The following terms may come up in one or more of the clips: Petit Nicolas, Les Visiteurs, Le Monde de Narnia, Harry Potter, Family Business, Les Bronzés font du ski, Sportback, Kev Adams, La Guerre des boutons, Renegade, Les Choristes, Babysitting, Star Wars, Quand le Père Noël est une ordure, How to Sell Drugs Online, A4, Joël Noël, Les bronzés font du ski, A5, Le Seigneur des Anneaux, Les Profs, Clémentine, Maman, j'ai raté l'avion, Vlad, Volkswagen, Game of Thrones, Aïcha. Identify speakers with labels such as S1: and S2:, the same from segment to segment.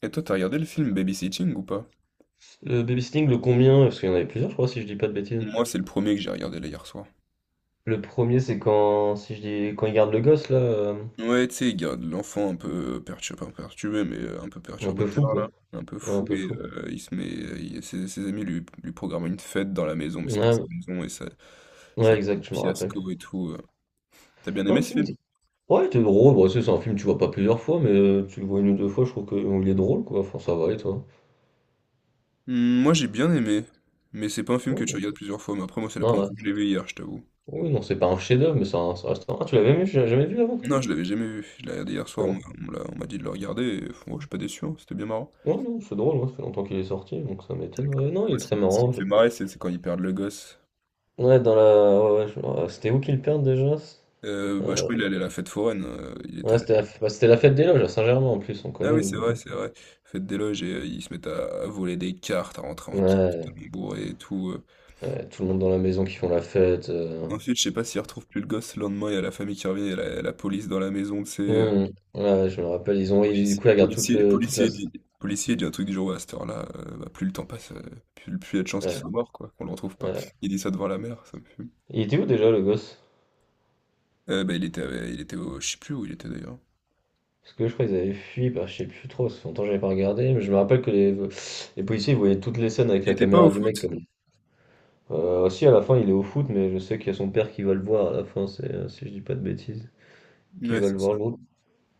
S1: Et toi, t'as regardé le film Babysitting ou pas?
S2: Le babysitting, le combien? Parce qu'il y en avait plusieurs, je crois, si je dis pas de bêtises.
S1: Moi, c'est le premier que j'ai regardé là hier soir.
S2: Le premier, c'est quand, si je dis, quand il garde le gosse, là,
S1: Ouais, tu sais, il garde l'enfant un peu perturbé, pas perturbé, mais un peu
S2: un peu
S1: perturbateur
S2: fou, quoi.
S1: là, un peu
S2: Ouais, un
S1: fou
S2: peu
S1: et
S2: fou.
S1: euh, il se met, ses, ses amis lui programment une fête dans la maison, mais c'est pas sa
S2: Ouais,
S1: maison et ça,
S2: ouais,
S1: ça devient
S2: exact,
S1: un
S2: je me rappelle.
S1: fiasco et tout. T'as bien
S2: Non,
S1: aimé ce film?
S2: ouais, il était drôle. Bon, tu sais, c'est un film que tu vois pas plusieurs fois, mais tu le vois une ou deux fois, je trouve qu'il est drôle, quoi. Enfin, ça va, et toi?
S1: Hmm, moi, j'ai bien aimé, mais c'est pas un film que
S2: Ouais,
S1: tu
S2: bon.
S1: regardes plusieurs fois. Mais après, moi, c'est la
S2: Non,
S1: première
S2: ouais.
S1: fois que je l'ai vu hier, je t'avoue.
S2: Oui, non, c'est pas un chef-d'œuvre, mais ça reste un... Ah, tu l'avais vu j'ai jamais vu avant, toi?
S1: Non, je l'avais jamais vu. Je l'ai regardé hier
S2: C'est
S1: soir. On,
S2: drôle.
S1: m'a on me l'a- on m'a dit de le regarder. Et, pff, moi, je suis pas déçu, hein. C'était bien marrant.
S2: Ouais, non, c'est drôle, ouais, ça fait longtemps qu'il est sorti, donc ça m'étonne. Ouais, non, il
S1: Moi,
S2: est
S1: ce
S2: très
S1: qui, ce qui me
S2: marrant.
S1: fait marrer, c'est quand ils perdent le gosse.
S2: Ouais, dans la... ouais, ouais, ouais, c'était où qu'il perd déjà?
S1: Bah, je
S2: euh,
S1: crois qu'il est allé à la fête foraine.
S2: Ouais, bah, c'était la fête des loges à Saint-Germain en plus, on
S1: Ah
S2: connaît
S1: oui,
S2: nous
S1: c'est
S2: du
S1: vrai,
S2: coup.
S1: c'est vrai. Fête des loges et ils se mettent à voler des cartes, à rentrer en carte
S2: Ouais,
S1: totalement bourré et tout.
S2: ouais, tout le monde dans la maison qui font la fête.
S1: Ensuite, je sais pas s'ils retrouvent plus le gosse. Le lendemain, il y a la famille qui revient, il y a la police dans la maison, tu sais.
S2: Hum, ouais, je me rappelle, du
S1: Policier,
S2: coup ils regardent toute
S1: policier,
S2: le toute la.
S1: policier dit, policier dit un truc du genre, ouais, à cette heure-là, bah, plus le temps passe, plus il y a de chances qu'il
S2: Ouais,
S1: soit mort, quoi, qu'on le retrouve pas.
S2: ouais.
S1: Il dit ça devant la mère, ça me fume.
S2: Il était où déjà le gosse?
S1: Il était au, je sais plus où il était d'ailleurs.
S2: Parce que je crois qu'ils avaient fui, bah, je sais plus trop, ça fait longtemps que j'avais pas regardé, mais je me rappelle que les policiers ils voyaient toutes les scènes avec
S1: Il
S2: la
S1: était pas au
S2: caméra du
S1: foot?
S2: mec comme. Aussi à la fin il est au foot, mais je sais qu'il y a son père qui va le voir à la fin, c'est, si je dis pas de bêtises, qui
S1: Ouais,
S2: va
S1: c'est
S2: le
S1: ça.
S2: voir jouer.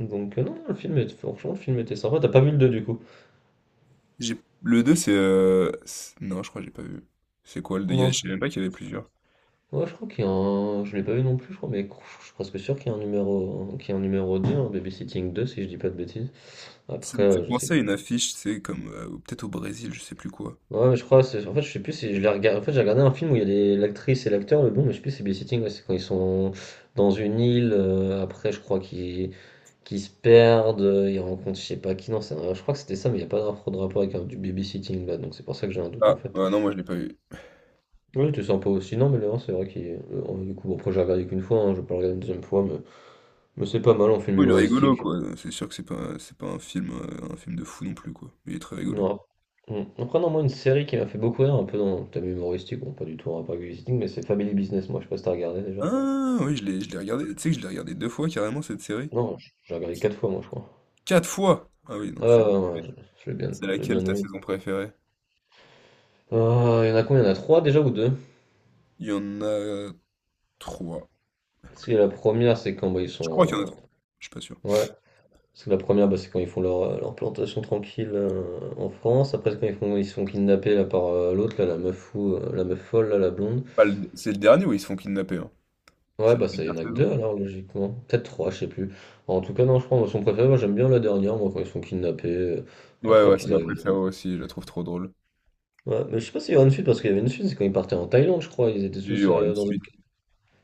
S2: Donc non, non, le film est, franchement le film était sympa. T'as pas vu le 2 du coup?
S1: Le 2 non, je crois que j'ai pas vu. C'est quoi le deux?
S2: Non,
S1: Je savais même pas qu'il y avait plusieurs.
S2: Ouais, je crois qu'il y a un. Je l'ai pas vu non plus, je crois, mais je suis presque sûr qu'il y a un numéro, qu'il y a un numéro deux, un Babysitting deux si je dis pas de bêtises.
S1: Ça
S2: Après,
S1: me fait
S2: je sais
S1: penser à
S2: plus.
S1: une affiche, c'est comme... ou peut-être au Brésil, je sais plus quoi.
S2: Ouais, mais je crois, c'est... en fait, je sais plus si je l'ai regardé. En fait, j'ai regardé un film où il y a des... l'actrice et l'acteur, le bon, mais je sais plus si c'est Babysitting, ouais, c'est quand ils sont dans une île, après, je crois qu'ils se perdent, ils rencontrent, je sais pas qui, non, je crois que c'était ça, mais il n'y a pas de rapport avec du babysitting là, donc c'est pour ça que j'ai un doute en
S1: Ah,
S2: fait.
S1: ouais, non, moi je l'ai pas vu.
S2: Oui tu sens pas aussi, non, mais le 1, c'est vrai le 1, du coup, bon, après, j'ai regardé qu'une fois, hein, je vais pas le regarder une deuxième fois, mais. Mais c'est pas mal en film
S1: Oui, il est
S2: humoristique.
S1: rigolo, quoi. C'est sûr que c'est pas un film, un film de fou non plus, quoi. Mais il est très rigolo.
S2: Non. Mm. Après, non, moi, une série qui m'a fait beaucoup rire, un peu dans le thème humoristique, bon, pas du tout en rapport avec le visiting, mais c'est Family Business, moi, je sais pas si t'as regardé déjà.
S1: Ah, oui, je l'ai regardé. Tu sais que je l'ai regardé deux fois, carrément, cette série.
S2: Non, j'ai regardé quatre fois, moi, je crois.
S1: Quatre fois! Ah oui, non,
S2: Ah,
S1: tu l'as
S2: ouais,
S1: dit.
S2: ouais, ouais, je l'ai bien,
S1: C'est
S2: je l'ai
S1: laquelle
S2: bien
S1: ta
S2: aimé.
S1: saison préférée?
S2: Ah, il y en a combien? Il y en a trois déjà ou deux?
S1: Il y en a trois.
S2: Parce que la première, c'est quand bah, ils
S1: Je crois
S2: sont.
S1: qu'il y en a trois. Je suis pas sûr.
S2: Ouais, parce que la première, bah, c'est quand ils font leur, leur plantation tranquille en France. Après, c'est quand ils font, ils sont kidnappés là, par l'autre, là, la meuf fou, la meuf folle, là, la blonde.
S1: Pas le- C'est le dernier où ils se font kidnapper, hein.
S2: Ouais,
S1: C'est la
S2: bah, ça, y
S1: dernière
S2: en a que
S1: saison.
S2: 2 alors, logiquement. Peut-être 3 je sais plus. En tout cas, non, je prends son préféré, moi, j'aime bien la dernière, moi, quand ils sont kidnappés,
S1: Ouais,
S2: après
S1: ouais, c'est
S2: qu'ils
S1: ma
S2: arrivent.
S1: préférée aussi, je la trouve trop drôle.
S2: Ouais, mais je sais pas s'il y aura une suite, parce qu'il y avait une suite, c'est quand ils partaient en Thaïlande, je crois, ils étaient
S1: Il y
S2: tous
S1: aura une
S2: dans une...
S1: suite.
S2: Tu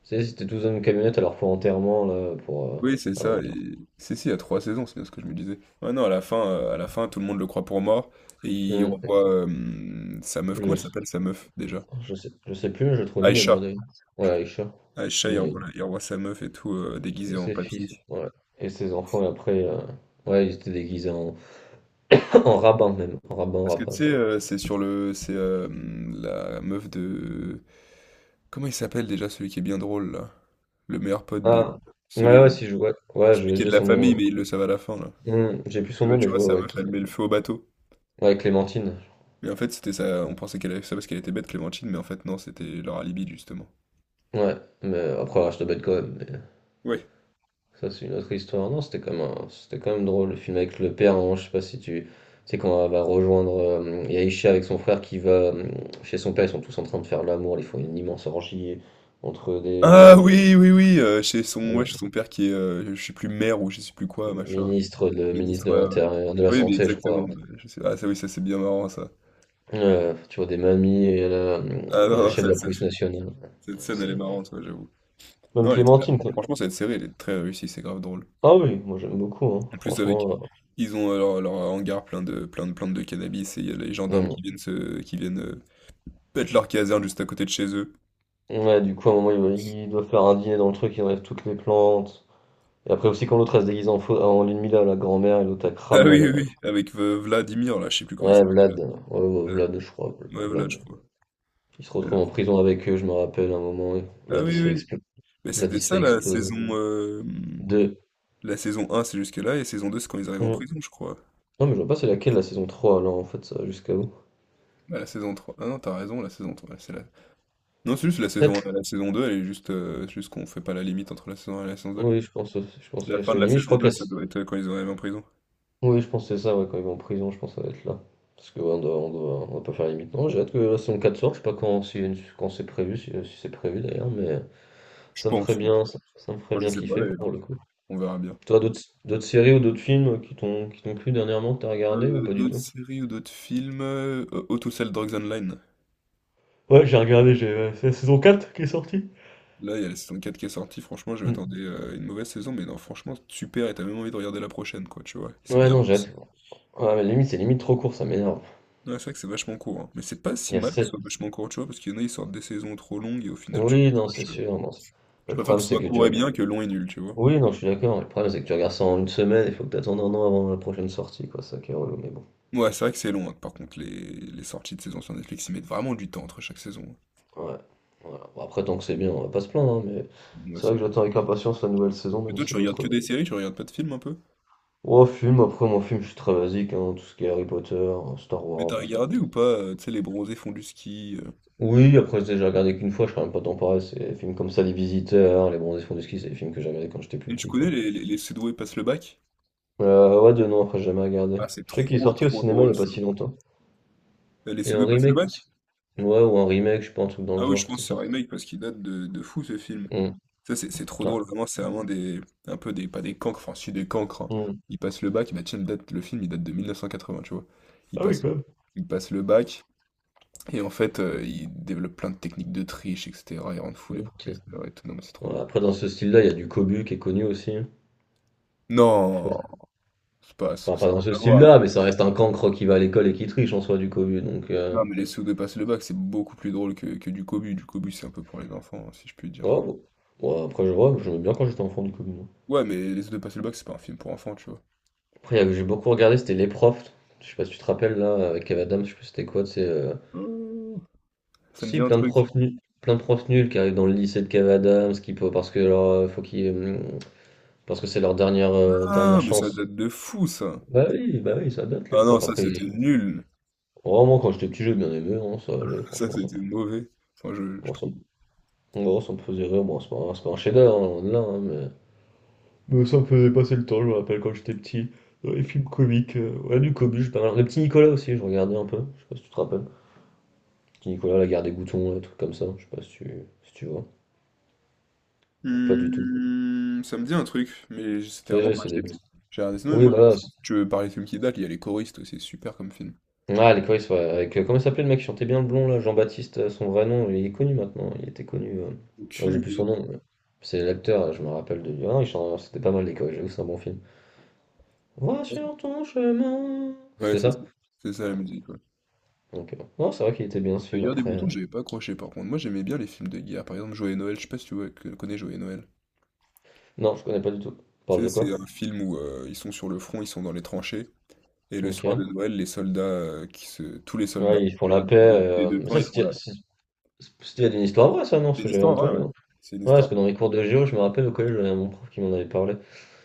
S2: sais, ils étaient tous dans une camionnette à leur plan enterrement, là, pour
S1: Oui, c'est
S2: avant
S1: ça.
S2: de partir.
S1: Et... si, si, il y a trois saisons, c'est bien ce que je me disais. Ouais, non, à la fin, tout le monde le croit pour mort. Et il
S2: Hum,
S1: revoit sa meuf. Comment
S2: Je,
S1: elle s'appelle sa meuf déjà?
S2: je sais plus, mais je le trouve mignonne, mon
S1: Aïcha,
S2: d'ailleurs.
S1: je
S2: Ouais,
S1: crois.
S2: Aïcha, c'est
S1: Aïcha,
S2: mignonne.
S1: il revoit sa meuf et tout,
S2: Et
S1: déguisée en
S2: ses fils,
S1: papy.
S2: ouais. Et ses enfants, Ouais, ils étaient déguisés en en rabbin, même. En rabbin,
S1: Parce que tu
S2: rabbin,
S1: sais,
S2: je
S1: c'est sur le. C'est la meuf de. Comment il s'appelle déjà celui qui est bien drôle là? Le meilleur pote de.
S2: Ah, ouais, ouais,
S1: Celui,
S2: si je vois. Ouais,
S1: celui
S2: j'ai
S1: qui est de
S2: j'ai
S1: la
S2: son nom.
S1: famille,
S2: Ouais.
S1: mais il le savent à la fin là.
S2: Hmm, j'ai plus
S1: Et
S2: son nom,
S1: bah
S2: mais
S1: tu
S2: je
S1: vois,
S2: vois
S1: sa
S2: ouais,
S1: meuf,
S2: qui
S1: elle
S2: c'est.
S1: met le feu au bateau.
S2: Ouais, Clémentine.
S1: Mais en fait, c'était ça, on pensait qu'elle avait fait ça parce qu'elle était bête, Clémentine, mais en fait, non, c'était leur alibi, justement.
S2: Ouais, mais après, elle reste bête quand même. Mais
S1: Ouais.
S2: ça, c'est une autre histoire. Non, c'était quand même, c'était quand même drôle, le film avec le père. Hein, je sais pas si tu. Tu sais, quand elle va rejoindre Yaisha avec son frère qui va chez son père, ils sont tous en train de faire l'amour. Ils font une immense orgie entre des
S1: Ah oui, oui, oui,
S2: euh,
S1: chez son père qui est, je sais plus maire ou je sais plus quoi, machin,
S2: ministres, le ministre
S1: ministre,
S2: de
S1: ouais, ouais.
S2: l'Intérieur, de la
S1: Oui, mais
S2: Santé, je
S1: exactement,
S2: crois.
S1: ouais, ah ça, oui, ça c'est bien marrant, ça.
S2: Tu vois, des mamies
S1: Ah non,
S2: et la
S1: non,
S2: chef de la police nationale.
S1: cette scène, elle est
S2: C'est
S1: marrante, ouais, j'avoue.
S2: Même
S1: Non, elle est très-
S2: Clémentine. Clé-
S1: franchement, cette série, elle est très réussie, c'est grave drôle.
S2: Ah oui, moi j'aime beaucoup, hein.
S1: En plus, avec,
S2: Franchement.
S1: ils ont leur hangar plein de plantes de cannabis et il y a les gendarmes
S2: euh,
S1: qui viennent mettre leur caserne juste à côté de chez eux.
S2: Ouais, du coup, à un moment, ils doivent faire un dîner dans le truc, ils enlèvent toutes les plantes. Et après aussi, quand l'autre elle se déguise en, faux, en l'ennemi là, la grand-mère, et l'autre elle
S1: Ah
S2: crame là,
S1: oui,
S2: la...
S1: oui, oui, avec Vladimir, là, je sais plus comment il
S2: Ouais,
S1: s'appelle là.
S2: Vlad. Ouais, ouais, Vlad, je crois.
S1: Ouais, Vlad, je
S2: Vlad.
S1: crois.
S2: Il se retrouve en prison avec eux, je me rappelle, à un moment. Et
S1: Ah oui, oui, oui. Mais
S2: Vlad,
S1: c'était
S2: il se
S1: ça,
S2: fait exploser. Deux.
S1: la saison un c'est jusque-là, et saison 2 c'est quand ils arrivent en
S2: Mm.
S1: prison, je crois.
S2: Non, mais je vois pas c'est laquelle, la saison 3 là, en fait, ça, va jusqu'à où?
S1: Ah, la saison trois? Ah non, t'as raison, la saison trois c'est la... non, c'est juste la saison
S2: Peut-être.
S1: un. La saison 2 elle est juste... juste qu'on fait pas la limite entre la saison un et la saison deux.
S2: Je pense, aussi,
S1: La
S2: parce
S1: fin
S2: que
S1: de la
S2: limite, je
S1: saison
S2: crois que
S1: 2
S2: la,
S1: ça doit être quand ils arrivent en prison.
S2: Oui, je pense que c'est ça, ouais, quand il va en prison, je pense que ça va être là. Parce que ouais, on doit pas faire limite. Non, j'ai hâte que la saison 4 sorte, je sais pas quand, si, quand c'est prévu, si, si c'est prévu d'ailleurs, mais
S1: Je
S2: ça me ferait
S1: pense, oui.
S2: bien, ça, ça me ferait
S1: Moi, je
S2: bien
S1: sais pas,
S2: kiffer
S1: d'ailleurs.
S2: pour le coup.
S1: On verra bien.
S2: Toi, d'autres séries ou d'autres films qui t'ont plu dernièrement, que t'as regardé ou pas du
S1: D'autres
S2: tout?
S1: séries ou d'autres films... How to Sell Drugs Online.
S2: Ouais, j'ai regardé, j'ai c'est la saison 4 qui est sortie.
S1: Là, il y a la saison 4 qui est sortie, franchement, je
S2: Mm.
S1: m'attendais à une mauvaise saison, mais non, franchement, super, et t'as même envie de regarder la prochaine, quoi, tu vois. C'est
S2: Ouais,
S1: bien
S2: non, j'ai
S1: réussi.
S2: hâte. Ouais, mais limite, c'est limite trop court, ça m'énerve.
S1: Ouais, c'est vrai que c'est vachement court, hein. Mais c'est pas si
S2: Il y a
S1: mal que ce
S2: 7.
S1: soit vachement court, tu vois, parce qu'il y en a, ils sortent des saisons trop longues, et au final, tu
S2: Oui, non, c'est
S1: décroches.
S2: sûr. Non, c'est-
S1: Je
S2: Le
S1: préfère que
S2: problème,
S1: ce
S2: c'est
S1: soit
S2: que tu,
S1: court et bien que long et nul, tu vois.
S2: Oui, non, je suis d'accord. Le problème, c'est que tu regardes ça en une semaine, il faut que tu attendes un an avant la prochaine sortie, quoi. C'est ça qui est relou, mais bon.
S1: Ouais, c'est vrai que c'est long, hein. Par contre, les sorties de saison sur Netflix, ils mettent vraiment du temps entre chaque saison,
S2: Ouais. Voilà. Bon, après, tant que c'est bien, on va pas se plaindre, hein, mais
S1: hein. Ouais,
S2: c'est
S1: c'est
S2: vrai que
S1: vrai.
S2: j'attends avec impatience la nouvelle saison,
S1: Mais
S2: même
S1: toi,
S2: si
S1: tu regardes
S2: l'autre.
S1: que des séries, tu regardes pas de films un peu?
S2: Oh, film, après, moi, film, je suis très basique, hein, tout ce qui est Harry Potter, Star
S1: Mais
S2: Wars,
S1: t'as
S2: je sais pas.
S1: regardé ou pas, tu sais, les bronzés font du ski.
S2: Oui, après, j'ai déjà regardé qu'une fois, je suis quand même pas temps pareil. C'est des films comme ça, Les Visiteurs, Les Bronzés font du ski, c'est des films que j'ai regardé quand j'étais plus
S1: Et tu
S2: petit,
S1: connais
S2: quoi.
S1: les Cédaux passent le bac?
S2: Ouais, de non, après, j'ai jamais regardé.
S1: Ah, c'est
S2: Je sais qu'il est
S1: trop
S2: sorti au
S1: trop
S2: cinéma il y
S1: drôle.
S2: a pas si longtemps.
S1: Les
S2: Et un
S1: pseudo passent le
S2: remake aussi.
S1: bac?
S2: Ouais, ou un remake, je sais pas, un truc dans le
S1: Ah oui,
S2: genre
S1: je
S2: qui
S1: pense
S2: était
S1: que c'est un
S2: sorti.
S1: remake parce qu'il date de fou ce film.
S2: Hmm.
S1: Ça, c'est trop drôle, vraiment, c'est vraiment des. Un peu des. Pas des cancres, enfin, si des cancres, hein.
S2: Hmm.
S1: Ils passent le bac, bah tiens, le film, il date de 1980, tu vois. Ils
S2: Ah oui,
S1: passent
S2: quand
S1: le,
S2: même.
S1: ils passent le bac, et en fait, ils développent plein de techniques de triche, etc. Ils rendent fous les
S2: Ok.
S1: professeurs et tout. Non, mais c'est trop
S2: Ouais,
S1: drôle.
S2: après, dans ce style-là, il y a du Cobu qui est connu aussi. Hein. Je sais
S1: Non!
S2: pas.
S1: C'est pas. Ça
S2: Enfin,
S1: n'a
S2: pas dans ce
S1: rien à voir.
S2: style-là, mais ça reste un cancre qui va à l'école et qui triche en soi du Cobu. Donc,
S1: Non, mais les pseudo passent le bac, c'est beaucoup plus drôle que du cobu. Du cobu, c'est un peu pour les enfants, hein, si je puis dire. Enfin,
S2: oh, bon. Ouais, après, je vois, j'aimais bien quand j'étais enfant du Cobu. Moi.
S1: ouais, mais les pseudo passent le bac, c'est pas un film pour enfants, tu
S2: Après, il y a que j'ai beaucoup regardé, c'était les profs. Je sais pas si tu te rappelles là, avec Kev Adams, je sais plus c'était quoi. C'est
S1: vois. Ça me dit
S2: si
S1: un
S2: plein de
S1: truc.
S2: profs nuls, plein de profs nuls qui arrivent dans le lycée de Kev Adams, qui peut parce que leur, parce que c'est leur dernière euh,
S1: Ah,
S2: dernière
S1: mais ça
S2: chance.
S1: date de fou, ça.
S2: Bah oui, ça date les
S1: Ah non,
S2: profs.
S1: ça
S2: Après,
S1: c'était nul.
S2: Oh, moi, quand j'étais petit, j'ai bien aimé, hein, ça allait,
S1: Ça
S2: franchement,
S1: c'était mauvais. Enfin, je
S2: moi, ça
S1: trouve.
S2: ça me faisait rire. Bon, c'est pas un chef-d'œuvre, hein, loin de là, hein, mais ça me faisait passer le temps, je me rappelle quand j'étais petit. Dans les films comiques, ouais, du Cobus, pas mal. Le petit Nicolas aussi, je regardais un peu, je sais pas si tu te rappelles. Petit Nicolas, la guerre des boutons, des trucs comme ça, je sais pas si tu, si tu vois. Ou pas du tout.
S1: Hmm, ça me dit un truc, mais c'était
S2: Tu
S1: vraiment
S2: sais,
S1: quand
S2: c'est
S1: j'étais
S2: des
S1: petit.
S2: petits.
S1: J'ai regardé Snow et
S2: Oui,
S1: moi,
S2: voilà,
S1: si tu veux parler de films qui datent, il y a Les Choristes aussi, c'est super comme film.
S2: Ah, les Cowboys, ouais, avec, comment il s'appelait le mec qui chantait bien le blond, là, Jean-Baptiste, son vrai nom, il est connu maintenant, il était connu, oh,
S1: Aucune
S2: j'ai plus son
S1: idée.
S2: nom, mais c'est l'acteur, je me rappelle de lui, ah, c'était pas mal les Cowboys, j'avoue, c'est un bon film. Va sur ton chemin,
S1: Ouais,
S2: c'était
S1: c'est ça.
S2: ça?
S1: C'est ça la musique, ouais.
S2: Ok, bon. Non, c'est vrai qu'il était bien ce
S1: La
S2: film,
S1: Guerre des
S2: après,
S1: boutons, j'avais pas accroché par contre. Moi j'aimais bien les films de guerre. Par exemple, Joël Noël, je sais pas si tu vois- que- connais Joël Noël.
S2: non, je connais pas du tout,
S1: Tu
S2: parle
S1: sais,
S2: de
S1: c'est
S2: quoi?
S1: un film où ils sont sur le front, ils sont dans les tranchées, et le
S2: Ok,
S1: soir de Noël, les soldats, qui se tous les soldats
S2: ouais, ils font
S1: déjà
S2: la paix,
S1: des 2 camps, ils font la
S2: c'était une histoire vraie, ça, non, ce
S1: c'est
S2: que
S1: une
S2: j'avais
S1: histoire
S2: entendu,
S1: vraie, ouais.
S2: non?
S1: C'est une
S2: Ouais, parce
S1: histoire,
S2: que dans les cours de géo, je me rappelle au collège, j'avais mon prof qui m'en avait parlé,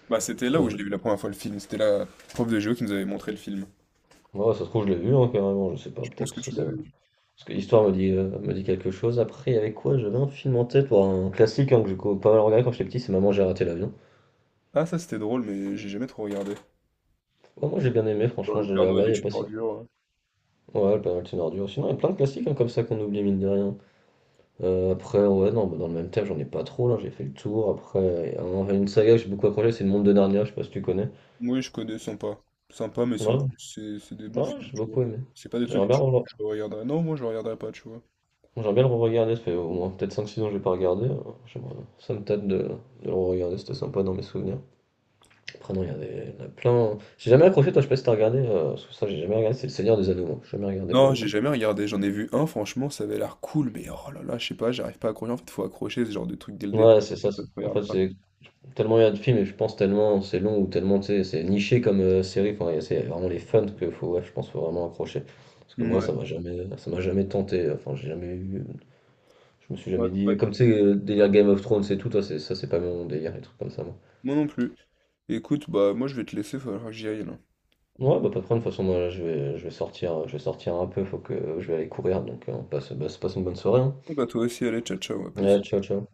S1: bah, c'était là où je
S2: donc,
S1: l'ai vu la première fois le film, c'était la prof de géo qui nous avait montré le film.
S2: ouais, ça se trouve, je l'ai vu, hein, carrément, je sais pas,
S1: Je pense
S2: peut-être,
S1: que
S2: parce que
S1: tu l'as
S2: ça...
S1: vu.
S2: Parce que l'histoire me dit quelque chose. Après, il y avait quoi? J'avais un film en tête, bon, un classique, hein, que j'ai co pas mal regardé quand j'étais petit, c'est Maman, j'ai raté l'avion.
S1: Ah ça c'était drôle, mais j'ai jamais trop regardé.
S2: Ouais, moi, j'ai bien aimé,
S1: Quand
S2: franchement,
S1: le
S2: je
S1: Père
S2: l'avais
S1: Noël
S2: regardé il y
S1: est
S2: a pas
S1: une
S2: si
S1: ordure,
S2: ouais, pas mal de Thénardier aussi. Non, il y a plein de classiques, hein, comme ça qu'on oublie, mine de rien. Après, ouais, non, bah, dans le même thème, j'en ai pas trop, là, j'ai fait le tour. Après, il y a un une saga que j'ai beaucoup accroché, c'est Le Monde de Narnia, je sais pas si tu connais?
S1: oui je connais, sympa. Sympa, mais sans
S2: Ouais,
S1: plus, c'est des bons
S2: ouais,
S1: films,
S2: j'ai
S1: tu vois?
S2: beaucoup aimé.
S1: C'est pas des trucs
S2: J'aimerais
S1: que
S2: bien
S1: tu que
S2: reva
S1: je regarderais. Non, moi je regarderais pas, tu vois?
S2: j'aimerais bien le re-regarder, ça fait au moins peut-être cinq six ans que j'ai pas regardé, j'aimerais ça me tâte de le re-regarder, c'était sympa dans mes souvenirs. Après, non, il y en a plein. J'ai jamais accroché, toi, je sais pas si t'as regardé, parce que ça, j'ai jamais regardé, c'est le Seigneur des Anneaux, moi. J'ai jamais regardé pour
S1: Non,
S2: le
S1: j'ai
S2: coup.
S1: jamais regardé, j'en ai vu un, franchement, ça avait l'air cool, mais oh là là, je sais pas, j'arrive pas à accrocher. En fait, faut accrocher ce genre de truc dès le départ,
S2: Ouais, c'est ça.
S1: sinon ça se
S2: En fait,
S1: regarde pas.
S2: c'est tellement il y a de films, et je pense tellement c'est long, ou tellement, tu sais, c'est niché comme série, c'est vraiment les fans que faut, ouais, je pense, faut vraiment accrocher. Parce que moi, ça
S1: Mouais.
S2: m'a jamais, ça m'a jamais tenté, enfin, j'ai jamais eu, je me suis
S1: Ouais,
S2: jamais dit,
S1: ouais.
S2: comme tu sais, délire Game of Thrones et tout, toi, c'est, ça, c'est pas mon délire, les trucs comme ça, moi.
S1: Moi non plus. Écoute, bah moi je vais te laisser, il va falloir que j'y aille là.
S2: Ouais, bah pas de problème, de toute façon, moi, là, je vais sortir un peu, faut que je vais aller courir, donc on passe, bah, se passe une bonne soirée, hein.
S1: Bon, bah toi aussi, allez, ciao ciao, à
S2: Ouais,
S1: plus.
S2: ciao, ciao.